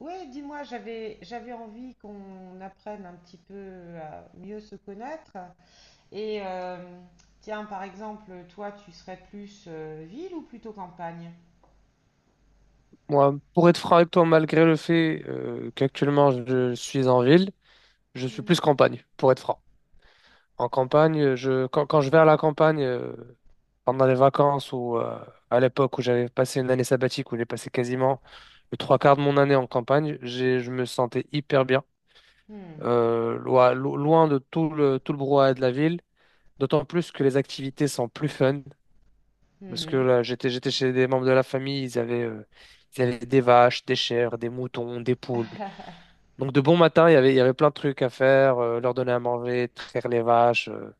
Ouais, dis-moi, j'avais envie qu'on apprenne un petit peu à mieux se connaître. Et euh, tiens, par exemple, toi, tu serais plus ville ou plutôt campagne? Moi, pour être franc avec toi, malgré le fait qu'actuellement je suis en ville, je suis plus Mhm. campagne, pour être franc. En campagne, quand je vais à la campagne, pendant les vacances ou à l'époque où j'avais passé une année sabbatique, où j'ai passé quasiment le trois quarts de mon année en campagne, je me sentais hyper bien, Hmm, loin de tout le brouhaha de la ville, d'autant plus que les activités sont plus fun, parce que mhm. là, j'étais chez des membres de la famille, ils avaient des vaches, des chèvres, des moutons, des poules. Donc de bon matin, il y avait plein de trucs à faire, leur donner à manger, traire les vaches.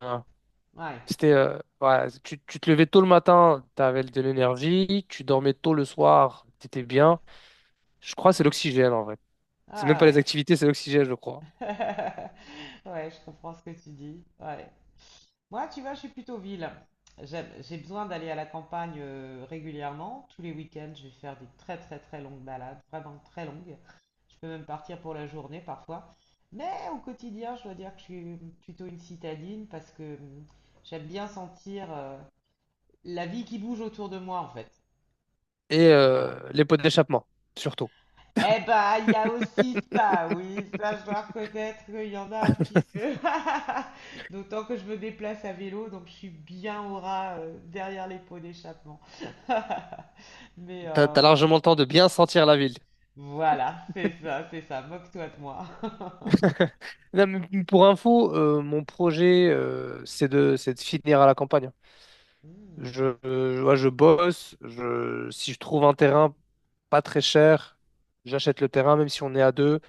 Hein. Ouais. C'était, ouais, tu te levais tôt le matin, tu avais de l'énergie, tu dormais tôt le soir, tu étais bien. Je crois que c'est l'oxygène en vrai. C'est même Ah pas les ouais. activités, c'est l'oxygène, je crois. Ouais, je comprends ce que tu dis. Ouais. Moi, tu vois, je suis plutôt ville. J'ai besoin d'aller à la campagne régulièrement. Tous les week-ends, je vais faire des très très très longues balades, vraiment très longues. Je peux même partir pour la journée parfois. Mais au quotidien, je dois dire que je suis plutôt une citadine parce que j'aime bien sentir la vie qui bouge autour de moi en fait. Et Voilà. Les pots d'échappement, surtout. Eh ben, il y a aussi ça, oui, ça je dois reconnaître qu'il y en a un petit peu. D'autant que je me déplace à vélo, donc je suis bien au ras derrière les pots d'échappement. Mais t'as largement le temps de bien sentir la ville. voilà, c'est ça, moque-toi de moi. Non, mais pour info, mon projet, c'est de finir à la campagne. Hmm, Ouais, je bosse, si je trouve un terrain pas très cher, j'achète le terrain, même si on est à deux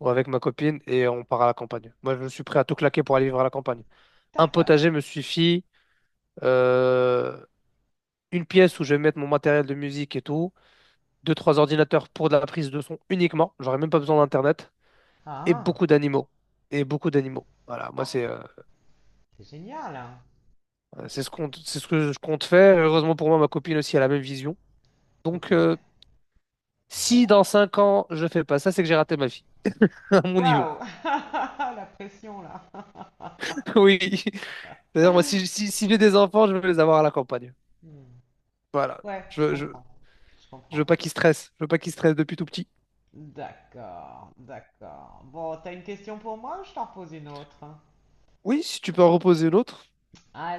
ou avec ma copine, et on part à la campagne. Moi, je suis prêt à tout claquer pour aller vivre à la campagne. Un d'accord. potager me suffit, euh, une pièce où je vais mettre mon matériel de musique et tout, deux, trois ordinateurs pour de la prise de son uniquement. J'aurais même pas besoin d'Internet. Et Ah, beaucoup d'animaux. Et beaucoup d'animaux. Voilà, moi, ah, c'est c'est c'est génial, hein. C'est ce que je compte faire. Heureusement pour moi, ma copine aussi a la même vision. Ok. Donc, si Bon. dans 5 ans, je fais pas ça, c'est que j'ai raté ma vie, à mon niveau. Waouh, la pression là. Oui. C'est-à-dire, moi, si j'ai des enfants, je veux les avoir à la campagne. Hmm. Voilà. Ouais, Je, je veux- je, comprends, je je veux comprends. pas qu'ils stressent. Je veux pas qu'ils stressent depuis tout petit. D'accord, d'accord. Bon, t'as une question pour moi ou je t'en pose une autre? Oui, si tu peux en reposer une autre,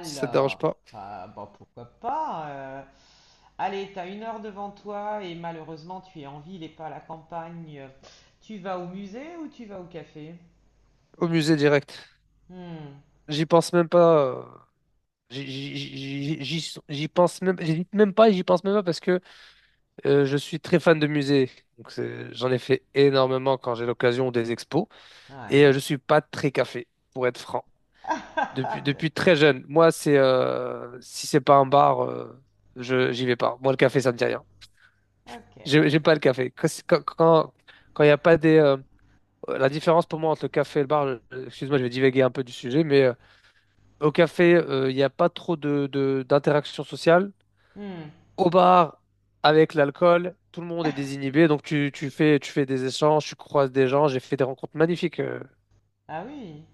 si ça te dérange pas. Bon, pourquoi pas. Allez, t'as une heure devant toi et malheureusement tu es en ville et pas à la campagne. Tu vas au musée ou tu vas au café? Au musée direct. Hmm, J'y pense même pas. J'y pense même, j'hésite même pas, et j'y pense même pas. Parce que Je suis très fan de musées, j'en ai fait énormément quand j'ai l'occasion ou des expos. Et je ouais. suis pas très café, pour être franc. Depuis D'accord, très jeune, moi c'est si c'est pas un bar, je j'y vais pas. Moi le café ça me dit rien. ok. J'ai pas le café. Quand il y a pas des la différence pour moi entre le café et le bar, excuse-moi, je vais divaguer un peu du sujet, mais au café il n'y a pas trop de d'interaction sociale. Hmm. Au bar, avec l'alcool, tout le monde est désinhibé, donc tu fais des échanges, tu croises des gens, j'ai fait des rencontres magnifiques. Ah oui,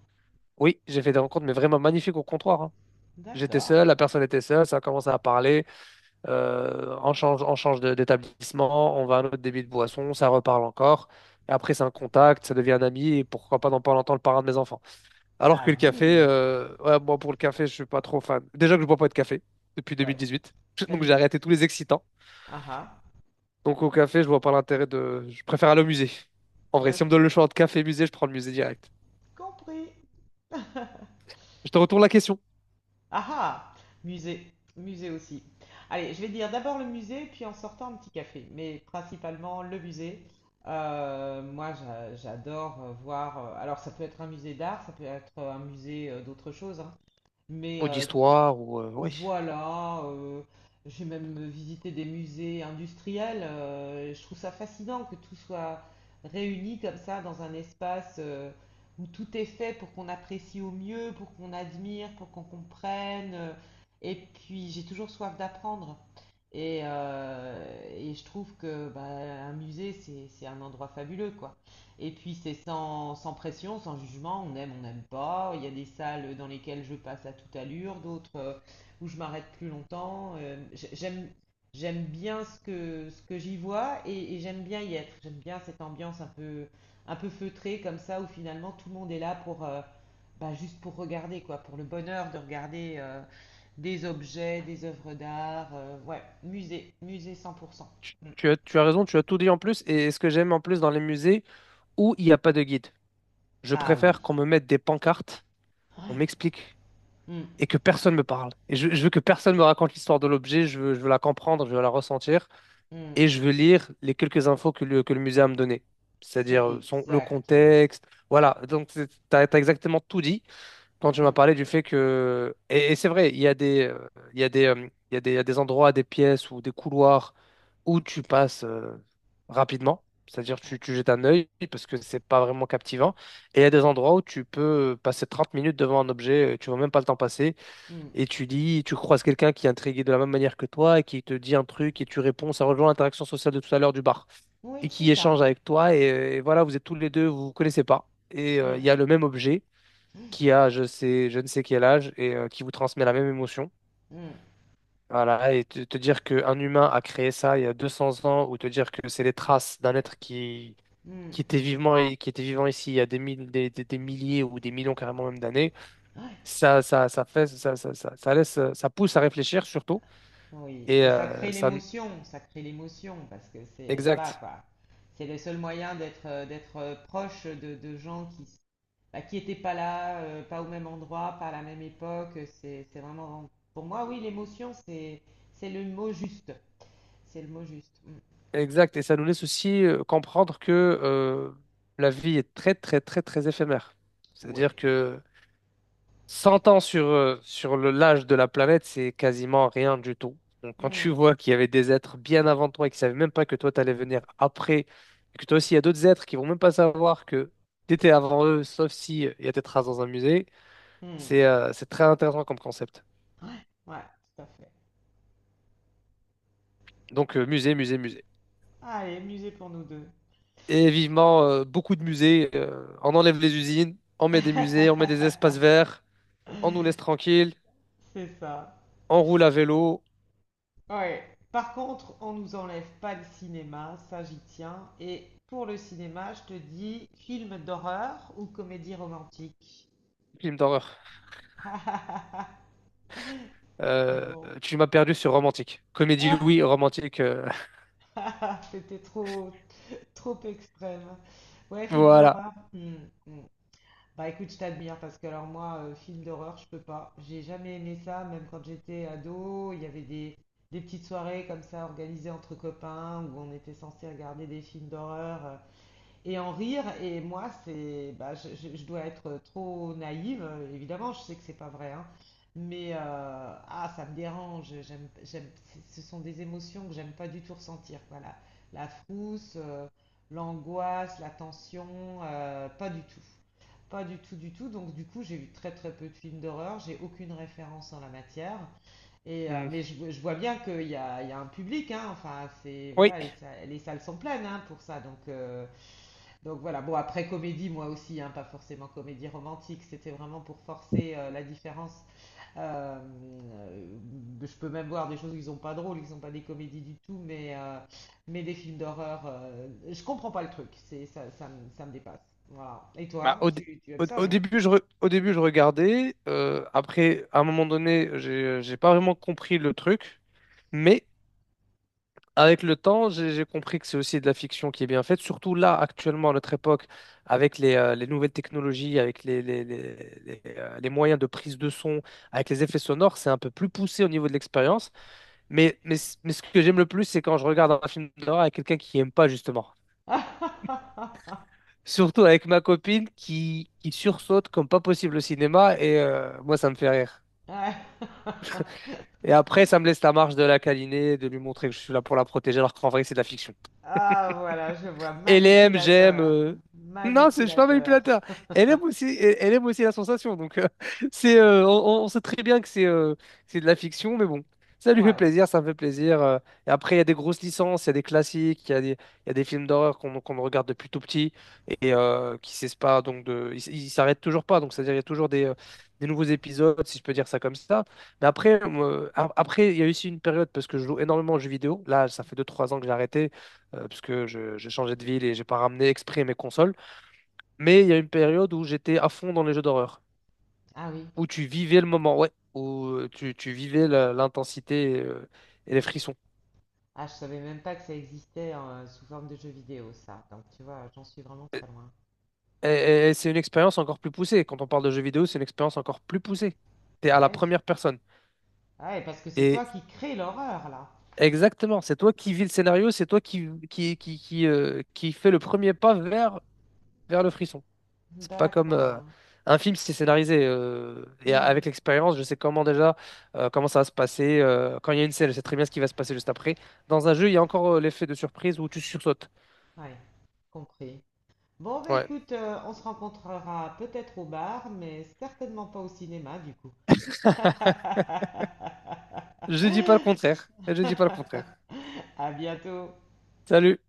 Oui, j'ai fait des rencontres, mais vraiment magnifiques au comptoir. Hein. J'étais d'accord. seul, la personne était seule, ça a commencé à parler, on change d'établissement, on va à un autre débit de boisson, ça reparle encore. Et après, c'est un contact, ça devient un ami, et pourquoi pas dans pas longtemps le parrain de mes enfants. Alors que Ah le café, oui, ouais, moi pour le café, je suis pas trop fan. Déjà que je bois pas de café depuis deux mille ouais, dix-huit, ça donc j'ai limite. arrêté tous les excitants. Ah ah, Donc au café, je vois pas l'intérêt de... Je préfère aller au musée. En vrai, si on me ok, donne le choix entre café et musée, je prends le musée direct. compris. Je te retourne la question. Ah ah! Musée. Musée aussi. Allez, je vais dire d'abord le musée, puis en sortant un petit café. Mais principalement le musée. Moi, j'adore voir. Alors, ça peut être un musée d'art, ça peut être un musée d'autre chose, hein. mais Ou euh, d'histoire, ou... ouais. voilà, j'ai même visité des musées industriels. Je trouve ça fascinant que tout soit réuni comme ça dans un espace où tout est fait pour qu'on apprécie au mieux, pour qu'on admire, pour qu'on comprenne. Et puis j'ai toujours soif d'apprendre. Et, euh, et je trouve que bah, un musée, c'est un endroit fabuleux, quoi. Et puis c'est sans pression, sans jugement, on aime, on n'aime pas. Il y a des salles dans lesquelles je passe à toute allure, d'autres où je m'arrête plus longtemps. J'aime, j'aime bien ce que j'y vois et j'aime bien y être. J'aime bien cette ambiance un peu feutrée comme ça où finalement tout le monde est là pour, bah, juste pour regarder quoi, pour le bonheur de regarder des objets, des œuvres d'art. Ouais, musée, musée 100%. Tu, Mm. tu as, tu as raison, tu as tout dit en plus. Et ce que j'aime en plus dans les musées où il n'y a pas de guide, je Ah oui. préfère qu'on me mette des pancartes, Ouais. on m'explique, Mm, et que personne me parle. Et je veux que personne me raconte l'histoire de l'objet, je veux la comprendre, je veux la ressentir. mm. Et je veux lire les quelques infos que que le musée a me donné. C'est C'est-à-dire le exactement ça. contexte. Voilà, donc tu as, exactement tout dit quand tu m'as Mm, parlé du fait que... Et c'est vrai, il y a des, il y a des, il y a des, il y a des endroits, des pièces ou des couloirs où tu passes rapidement. C'est-à-dire Oh, tu jettes un œil parce que c'est pas vraiment captivant. Et il y a des endroits où tu peux passer 30 minutes devant un objet, tu vois même pas le temps passer mm. et tu dis, tu croises quelqu'un qui est intrigué de la même manière que toi et qui te dit un truc et tu réponds, ça rejoint l'interaction sociale de tout à l'heure du bar Oui, et c'est qui échange ça. avec toi et voilà, vous êtes tous les deux, vous vous connaissez pas et il Mm, y a le même objet qui a je sais, je ne sais quel âge et qui vous transmet la même émotion. mm, Voilà, et te dire qu'un humain a créé ça il y a 200 ans ou te dire que c'est les traces d'un être qui était vivant et qui était vivant ici il y a des milliers ou des millions carrément même d'années, mm. ça fait, ça laisse, ça pousse à réfléchir surtout. Oui, Et et ça crée l'émotion, parce que c'est, voilà, exact, quoi. C'est le seul moyen d'être d'être proche de gens bah, qui n'étaient pas là, pas au même endroit, pas à la même époque. C'est vraiment, pour moi, oui, l'émotion, c'est le mot juste. C'est le mot juste. Mm. exact. Et ça nous laisse aussi comprendre que euh, la vie est très, très, très, très éphémère. Oui. C'est-à-dire que 100 ans sur l'âge de la planète, c'est quasiment rien du tout. Donc, quand tu Mm. vois qu'il y avait des êtres bien avant toi et qui ne savaient même pas que toi, tu allais venir après, et que toi aussi, il y a d'autres êtres qui vont même pas savoir que tu étais avant eux, sauf si il y a tes traces dans un musée, Mm. c'est très intéressant comme concept. Ouais, ouais, tout à fait. Donc, musée, musée, musée. Allez, musée pour nous deux. Et vivement, beaucoup de musées. On enlève les usines, on met des musées, on met des espaces verts, on nous laisse tranquilles, C'est ça. on roule à vélo. Ouais. Par contre, on nous enlève pas le cinéma, ça j'y tiens. Et pour le cinéma, je te dis film d'horreur ou comédie romantique. Film d'horreur. Euh, Bon. Tu m'as perdu sur romantique. Comédie, oui, romantique. C'était trop, trop extrême. Ouais, film voilà. d'horreur. Hmm, hmm. Bah écoute, je t'admire parce que alors moi, film d'horreur, je peux pas. J'ai jamais aimé ça, même quand j'étais ado. Il y avait des petites soirées comme ça organisées entre copains où on était censé regarder des films d'horreur. Et en rire. Et moi, c'est, bah, je dois être trop naïve, évidemment, je sais que c'est pas vrai, hein, mais ah, ça me dérange. J'aime, ce sont des émotions que j'aime pas du tout ressentir, quoi. La frousse, l'angoisse, la tension, pas du tout. Pas du tout, du tout. Donc, du coup, j'ai vu très très peu de films d'horreur. J'ai aucune référence en la matière. Et, Hmm. mais je vois bien qu'il y a, il y a un public, hein. Enfin, c'est, Oui. voilà, les salles sont pleines hein, pour ça. Donc voilà, bon après comédie moi aussi, hein, pas forcément comédie romantique, c'était vraiment pour forcer la différence. Euh, euh, je peux même voir des choses qui sont pas drôles, qui sont pas des comédies du tout, mais des films d'horreur, je comprends pas le truc, c'est, ça me dépasse. Voilà. Et Bah, toi, au, dé- tu aimes au- ça, au non? début, je re- au début, je regardais. Après, à un moment donné, j'ai pas vraiment compris le truc. Mais avec le temps, j'ai compris que c'est aussi de la fiction qui est bien faite, surtout là, actuellement, à notre époque, avec les nouvelles technologies, avec les moyens de prise de son, avec les effets sonores, c'est un peu plus poussé au niveau de l'expérience. Mais ce que j'aime le plus, c'est quand je regarde un film d'horreur avec quelqu'un qui n'aime pas, justement. Surtout avec ma copine qui sursaute comme pas possible au cinéma, et moi, ça me fait rire. Ouais. Et après, ça me laisse la marge de la câliner, de lui montrer que je suis là pour la protéger, alors qu'en vrai, c'est de la fiction. Ah voilà, je vois, LM, j'aime. manipulateur, Non, je suis pas manipulateur. manipulateur. Elle aime aussi, elle aime aussi la sensation. Donc, c'est, on sait très bien que c'est de la fiction, mais bon, ça lui fait Ouais. plaisir, ça me fait plaisir. Et après, il y a des grosses licences, il y a des classiques, il y a des films d'horreur qu'on regarde depuis tout petit et qui cessent pas. Donc, ils s'arrêtent toujours pas. Donc, c'est-à-dire, il y a toujours des nouveaux épisodes, si je peux dire ça comme ça. Mais après, moi, après, il y a eu aussi une période parce que je joue énormément aux jeux vidéo. Là, ça fait deux trois ans que j'ai arrêté puisque j'ai changé de ville et j'ai pas ramené exprès mes consoles. Mais il y a une période où j'étais à fond dans les jeux d'horreur, Ah oui. où tu vivais le moment, ouais, où tu vivais l'intensité et les frissons. Ah, je savais même pas que ça existait sous forme de jeu vidéo, ça. Donc, tu vois, j'en suis vraiment très loin. Et c'est une expérience encore plus poussée. Quand on parle de jeux vidéo, c'est une expérience encore plus poussée. T'es à Ah la ouais, j- première personne. ah ouais, parce que c'est Et toi qui crée l'horreur, là. exactement, c'est toi qui vis le scénario, c'est toi qui fait le premier pas vers, vers le frisson. C'est pas comme D'accord. un film, si c'est scénarisé. euh, et a- Hmm, avec l'expérience, je sais comment déjà, comment ça va se passer. Quand il y a une scène, je sais très bien ce qui va se passer juste après. Dans un jeu, il y a encore l'effet de surprise où tu sursautes. Ouais, compris. Bon, bah Ouais. écoute, on se rencontrera peut-être au bar, mais certainement pas au cinéma, du coup. Je dis pas le contraire. Je dis pas le contraire. À bientôt. Salut.